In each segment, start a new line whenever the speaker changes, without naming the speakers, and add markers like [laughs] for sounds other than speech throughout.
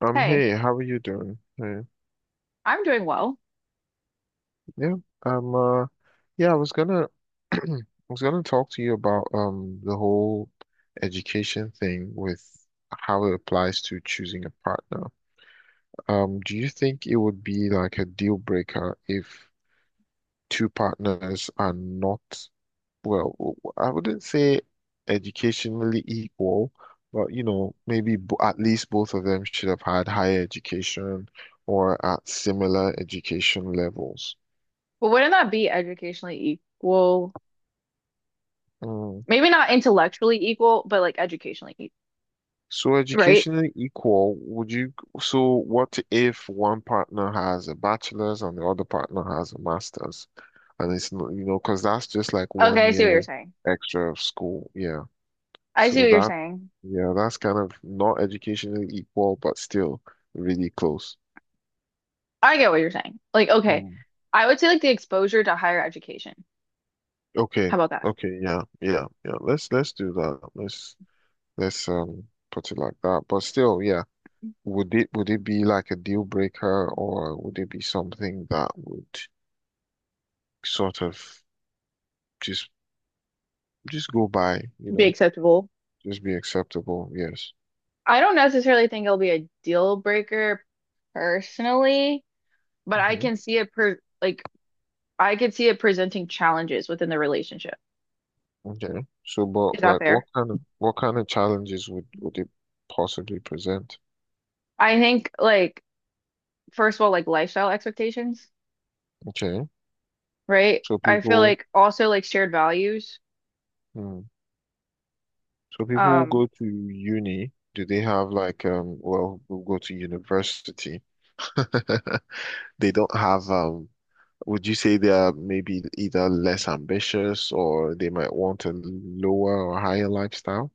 Hey,
Hey, how are you doing? Hey,
I'm doing well.
yeah, um, uh, yeah, [clears throat] I was gonna talk to you about the whole education thing with how it applies to choosing a partner. Do you think it would be like a deal breaker if two partners are not? Well, I wouldn't say educationally equal, but maybe b at least both of them should have had higher education or at similar education levels.
But wouldn't that be educationally equal?
Mm.
Maybe not intellectually equal, but like educationally equal,
So
right?
educationally equal, so what if one partner has a bachelor's and the other partner has a master's? And it's not, because that's just like one
Okay, I see what you're
year
saying.
extra of school. Yeah.
I see
So
what you're
that,
saying.
yeah, that's kind of not educationally equal, but still really close.
I get what you're saying. Like, okay,
Mm.
I would say like the exposure to higher education. How
Okay,
about that?
okay, yeah, yeah, yeah. Let's do that. Let's put it like that. But still, yeah. Would it be like a deal breaker, or would it be something that would sort of just just go by,
Be acceptable.
just be acceptable? Yes.
I don't necessarily think it'll be a deal breaker personally, but I
Hmm.
can see it per like I could see it presenting challenges within the relationship.
Okay. So, but
Is that
like, what
fair?
kind of what kind of challenges would it possibly present?
I think like first of all, like lifestyle expectations.
Okay.
Right?
So
I feel
people,
like also like shared values.
hmm. So people who
Um,
go to uni. Do they have like? Well, who go to university. [laughs] They don't have. Would you say they are maybe either less ambitious or they might want a lower or higher lifestyle?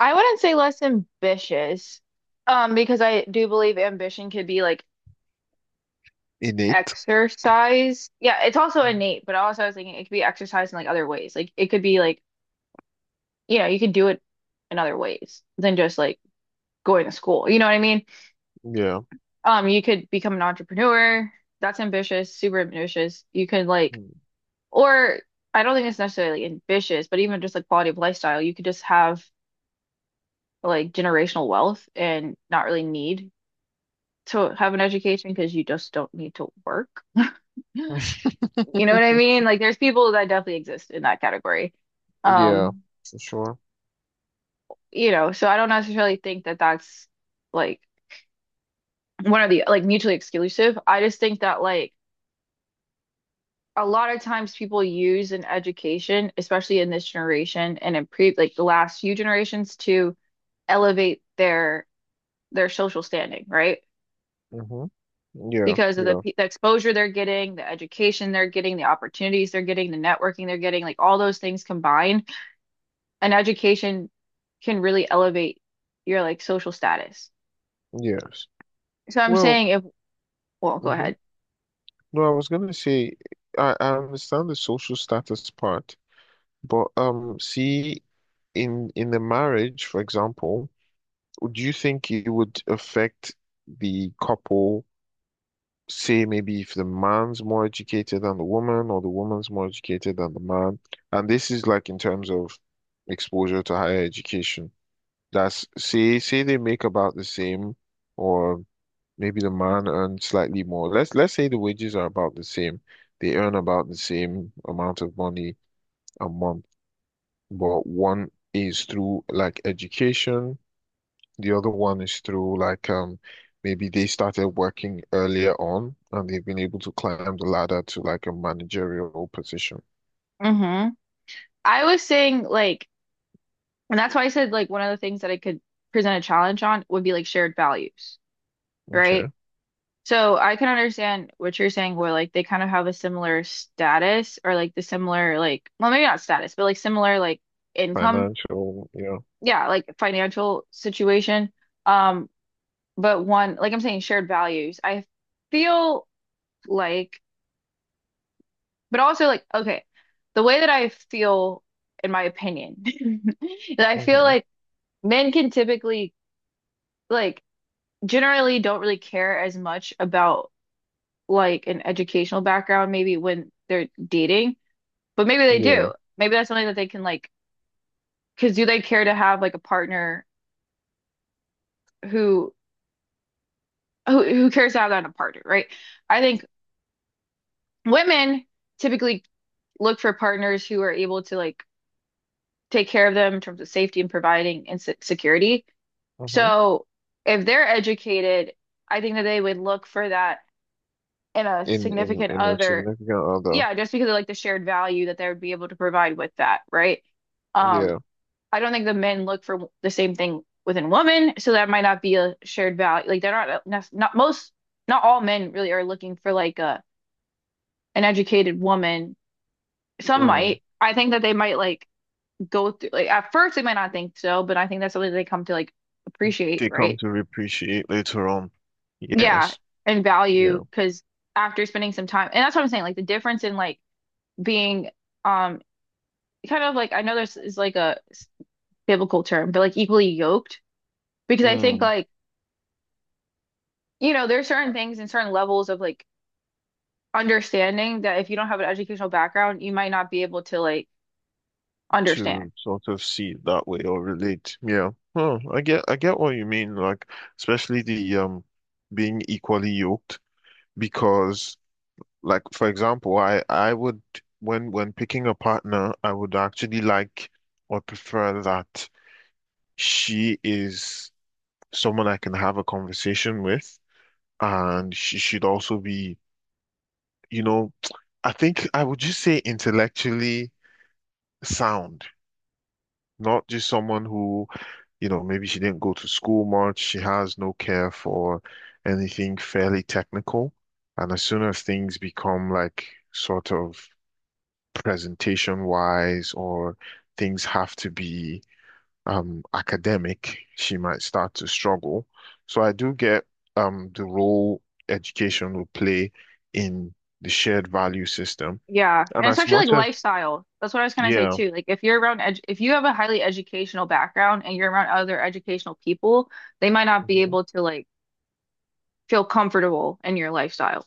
I wouldn't say less ambitious, because I do believe ambition could be like
Innate.
exercise. Yeah, it's also innate, but also I was thinking it could be exercised in like other ways. Like it could be like, you know, you could do it in other ways than just like going to school. You know what I mean?
Yeah.
You could become an entrepreneur. That's ambitious, super ambitious. You could like,
Hmm.
or I don't think it's necessarily ambitious, but even just like quality of lifestyle, you could just have like generational wealth and not really need to have an education because you just don't need to work. [laughs]
[laughs]
You know what I mean? Like there's people that definitely exist in that category.
Yeah,
Um,
for sure.
you know, so I don't necessarily think that that's like one of the like mutually exclusive. I just think that like a lot of times people use an education, especially in this generation and in pre like the last few generations to elevate their social standing, right?
Hmm. Yeah,
Because of the,
yeah,
the exposure they're getting, the education they're getting, the opportunities they're getting, the networking they're getting, like all those things combined. And education can really elevate your like social status.
yes.
So I'm
Well,
saying if, well, go
hmm
ahead.
no, I was gonna say I understand the social status part, but see, in the marriage, for example, do you think it would affect the couple? Say maybe if the man's more educated than the woman, or the woman's more educated than the man, and this is like in terms of exposure to higher education. That's say say they make about the same, or maybe the man earns slightly more. Let's say the wages are about the same. They earn about the same amount of money a month. But one is through like education, the other one is through like maybe they started working earlier on and they've been able to climb the ladder to like a managerial position.
Mm-hmm. I was saying like, and that's why I said like one of the things that I could present a challenge on would be like shared values,
Okay.
right? So I can understand what you're saying where like they kind of have a similar status or like the similar like well maybe not status, but like similar like income,
Financial, yeah.
yeah, like financial situation. Um, but one, like I'm saying, shared values. I feel like, but also like, okay, the way that I feel, in my opinion, [laughs] is I feel
Hmm.
like men can typically like generally don't really care as much about like an educational background, maybe when they're dating, but maybe they
Yeah.
do. Maybe that's something that they can like, because do they care to have like a partner who who cares to have that in a partner, right? I think women typically look for partners who are able to like take care of them in terms of safety and providing and se- security.
hmm
So if they're educated, I think that they would look for that in a
In in
significant
in a
other.
significant other.
Yeah, just because of like the shared value that they would be able to provide with that, right? Um,
Yeah.
I don't think the men look for the same thing within women, so that might not be a shared value. Like they're not most, not all men really are looking for like a an educated woman. Some
Mm.
might. I think that they might like go through like at first they might not think so, but I think that's something they come to like appreciate,
They come
right?
to appreciate later on.
Yeah,
Yes.
and
Yeah.
value because after spending some time, and that's what I'm saying, like the difference in like being um kind of like I know this is like a biblical term, but like equally yoked because I think
Mm.
like you know there's certain things and certain levels of like understanding that if you don't have an educational background, you might not be able to like understand.
To sort of see it that way or relate. Yeah. Huh. I get what you mean, like especially the being equally yoked because like for example, I would when picking a partner, I would actually like or prefer that she is someone I can have a conversation with, and she should also be, you know, I think I would just say intellectually sound, not just someone who, maybe she didn't go to school much. She has no care for anything fairly technical. And as soon as things become like sort of presentation wise, or things have to be academic, she might start to struggle. So I do get the role education will play in the shared value system.
Yeah,
And
and
as
especially like
much as,
lifestyle. That's what I was gonna say
Yeah.
too. Like if you're around edu if you have a highly educational background and you're around other educational people, they might not be
Mhm.
able to like feel comfortable in your lifestyle.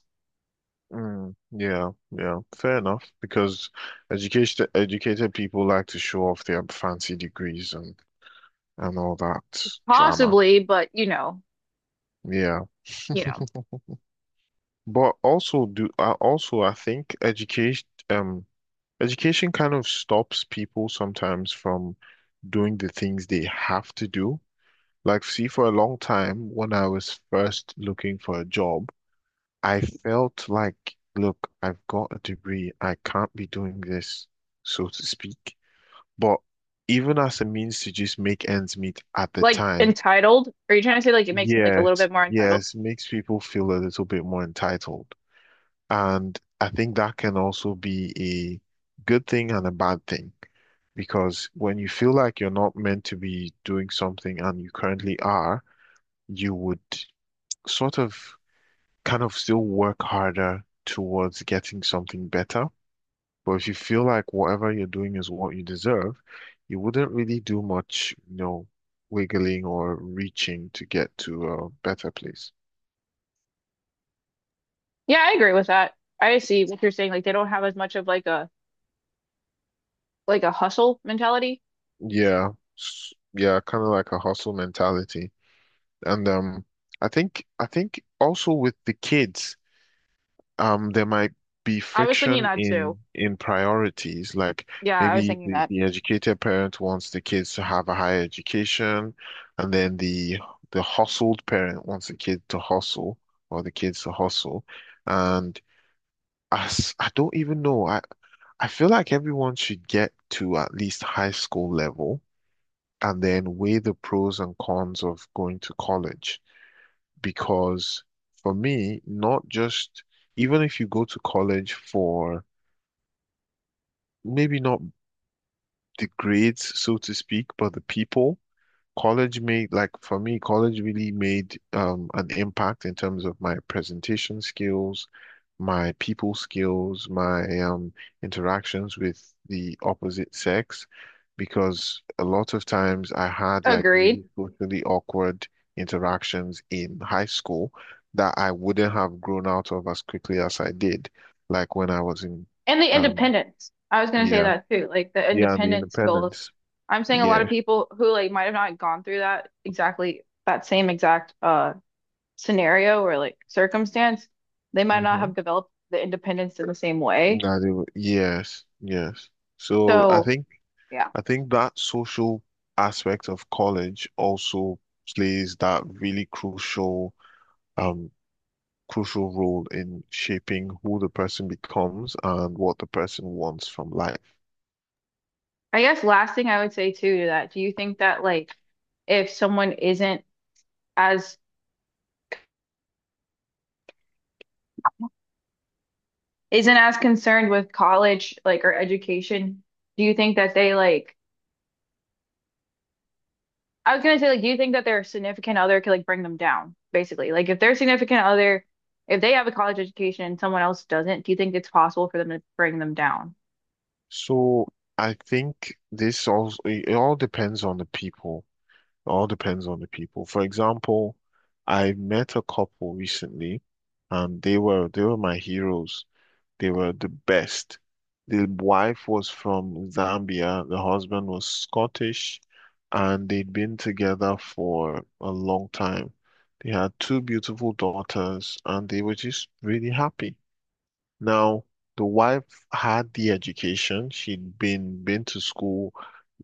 Mm, yeah, yeah, fair enough. Because educated people like to show off their fancy degrees and all that drama.
Possibly, but
Yeah,
you
[laughs]
know,
but also I think um education kind of stops people sometimes from doing the things they have to do. Like, see, for a long time when I was first looking for a job, I felt like, look, I've got a degree. I can't be doing this, so to speak. But even as a means to just make ends meet at the
like
time,
entitled. Are you trying to say like it makes them like a little
yes,
bit more entitled?
yes, makes people feel a little bit more entitled. And I think that can also be a good thing and a bad thing, because when you feel like you're not meant to be doing something and you currently are, you would sort of kind of still work harder towards getting something better. But if you feel like whatever you're doing is what you deserve, you wouldn't really do much, wiggling or reaching to get to a better place.
Yeah, I agree with that. I see what you're saying. Like they don't have as much of like a hustle mentality.
Yeah, yeah, kind of like a hustle mentality. And I think also with the kids. There might be
I was thinking
friction
that too.
in priorities, like
Yeah, I was
maybe
thinking
the,
that.
the educated parent wants the kids to have a higher education, and then the hustled parent wants the kid to hustle, or the kids to hustle, and as I don't even know, I feel like everyone should get to at least high school level and then weigh the pros and cons of going to college, because for me, not just even if you go to college for maybe not the grades, so to speak, but the people. Like for me, college really made an impact in terms of my presentation skills, my people skills, my interactions with the opposite sex, because a lot of times I had like
Agreed.
really socially awkward interactions in high school that I wouldn't have grown out of as quickly as I did. Like when I was in
And the
um,
independence. I was gonna say
year,
that too. Like the
yeah, and the
independence skills.
independence.
I'm saying a lot
Yeah.
of people who like might have not gone through that exactly that same exact scenario or like circumstance, they might not
Mm-hmm.
have developed the independence in the same way.
Yes, yes. So I
So
think
yeah.
I think that social aspect of college also plays that really um crucial role in shaping who the person becomes and what the person wants from life.
I guess last thing I would say too to that, do you think that like if someone as isn't as concerned with college like or education, do you think that they like I was gonna say, like, do you think that their significant other could like bring them down, basically? Like, if their significant other, if they have a college education and someone else doesn't, do you think it's possible for them to bring them down?
So I think this also, it all depends on the people. It all depends on the people. For example, I met a couple recently, and they were my heroes. They were the best. The wife was from Zambia, the husband was Scottish, and they'd been together for a long time. They had two beautiful daughters, and they were just really happy. Now, the wife had the education. She'd been to school,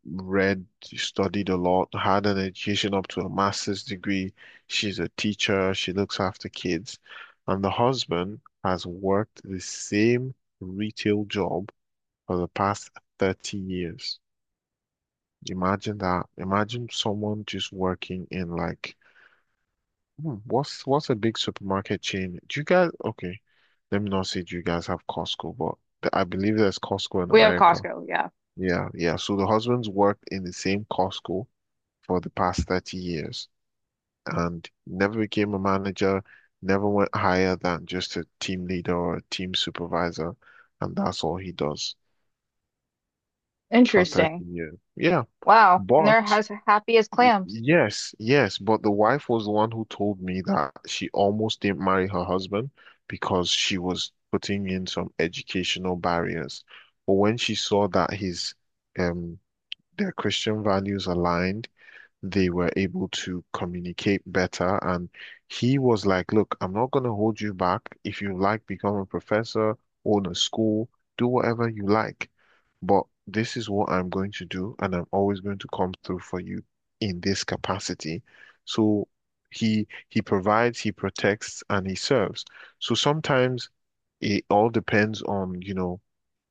read, studied a lot, had an education up to a master's degree. She's a teacher, she looks after kids. And the husband has worked the same retail job for the past 30 years. Imagine that. Imagine someone just working in like what's a big supermarket chain? Do you guys Okay, let me not say, do you guys have Costco? But I believe there's Costco in
We have
America.
Costco, yeah.
Yeah, yeah. So the husband's worked in the same Costco for the past 30 years and never became a manager, never went higher than just a team leader or a team supervisor. And that's all he does for 30
Interesting.
years. Yeah.
Wow. And they're
But
as happy as clams.
yes, yes. But the wife was the one who told me that she almost didn't marry her husband because she was putting in some educational barriers. But when she saw that um, their Christian values aligned, they were able to communicate better. And he was like, "Look, I'm not going to hold you back. If you like, become a professor, own a school, do whatever you like. But this is what I'm going to do, and I'm always going to come through for you in this capacity." So he provides, he protects, and he serves. So sometimes it all depends on,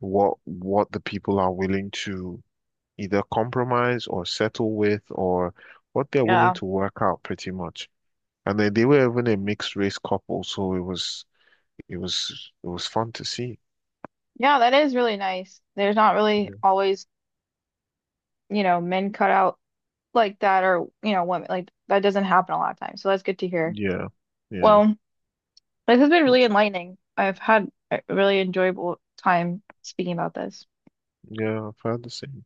what the people are willing to either compromise or settle with, or what they're willing
Yeah.
to work out pretty much. And then they were even a mixed race couple, so it was it was fun to see.
Yeah, that is really nice. There's not really
Yeah.
always, you know, men cut out like that or, you know, women like that doesn't happen a lot of times. So that's good to hear.
Yeah, yeah,
Well, this has been really enlightening. I've had a really enjoyable time speaking about this.
yeah. I've heard the same.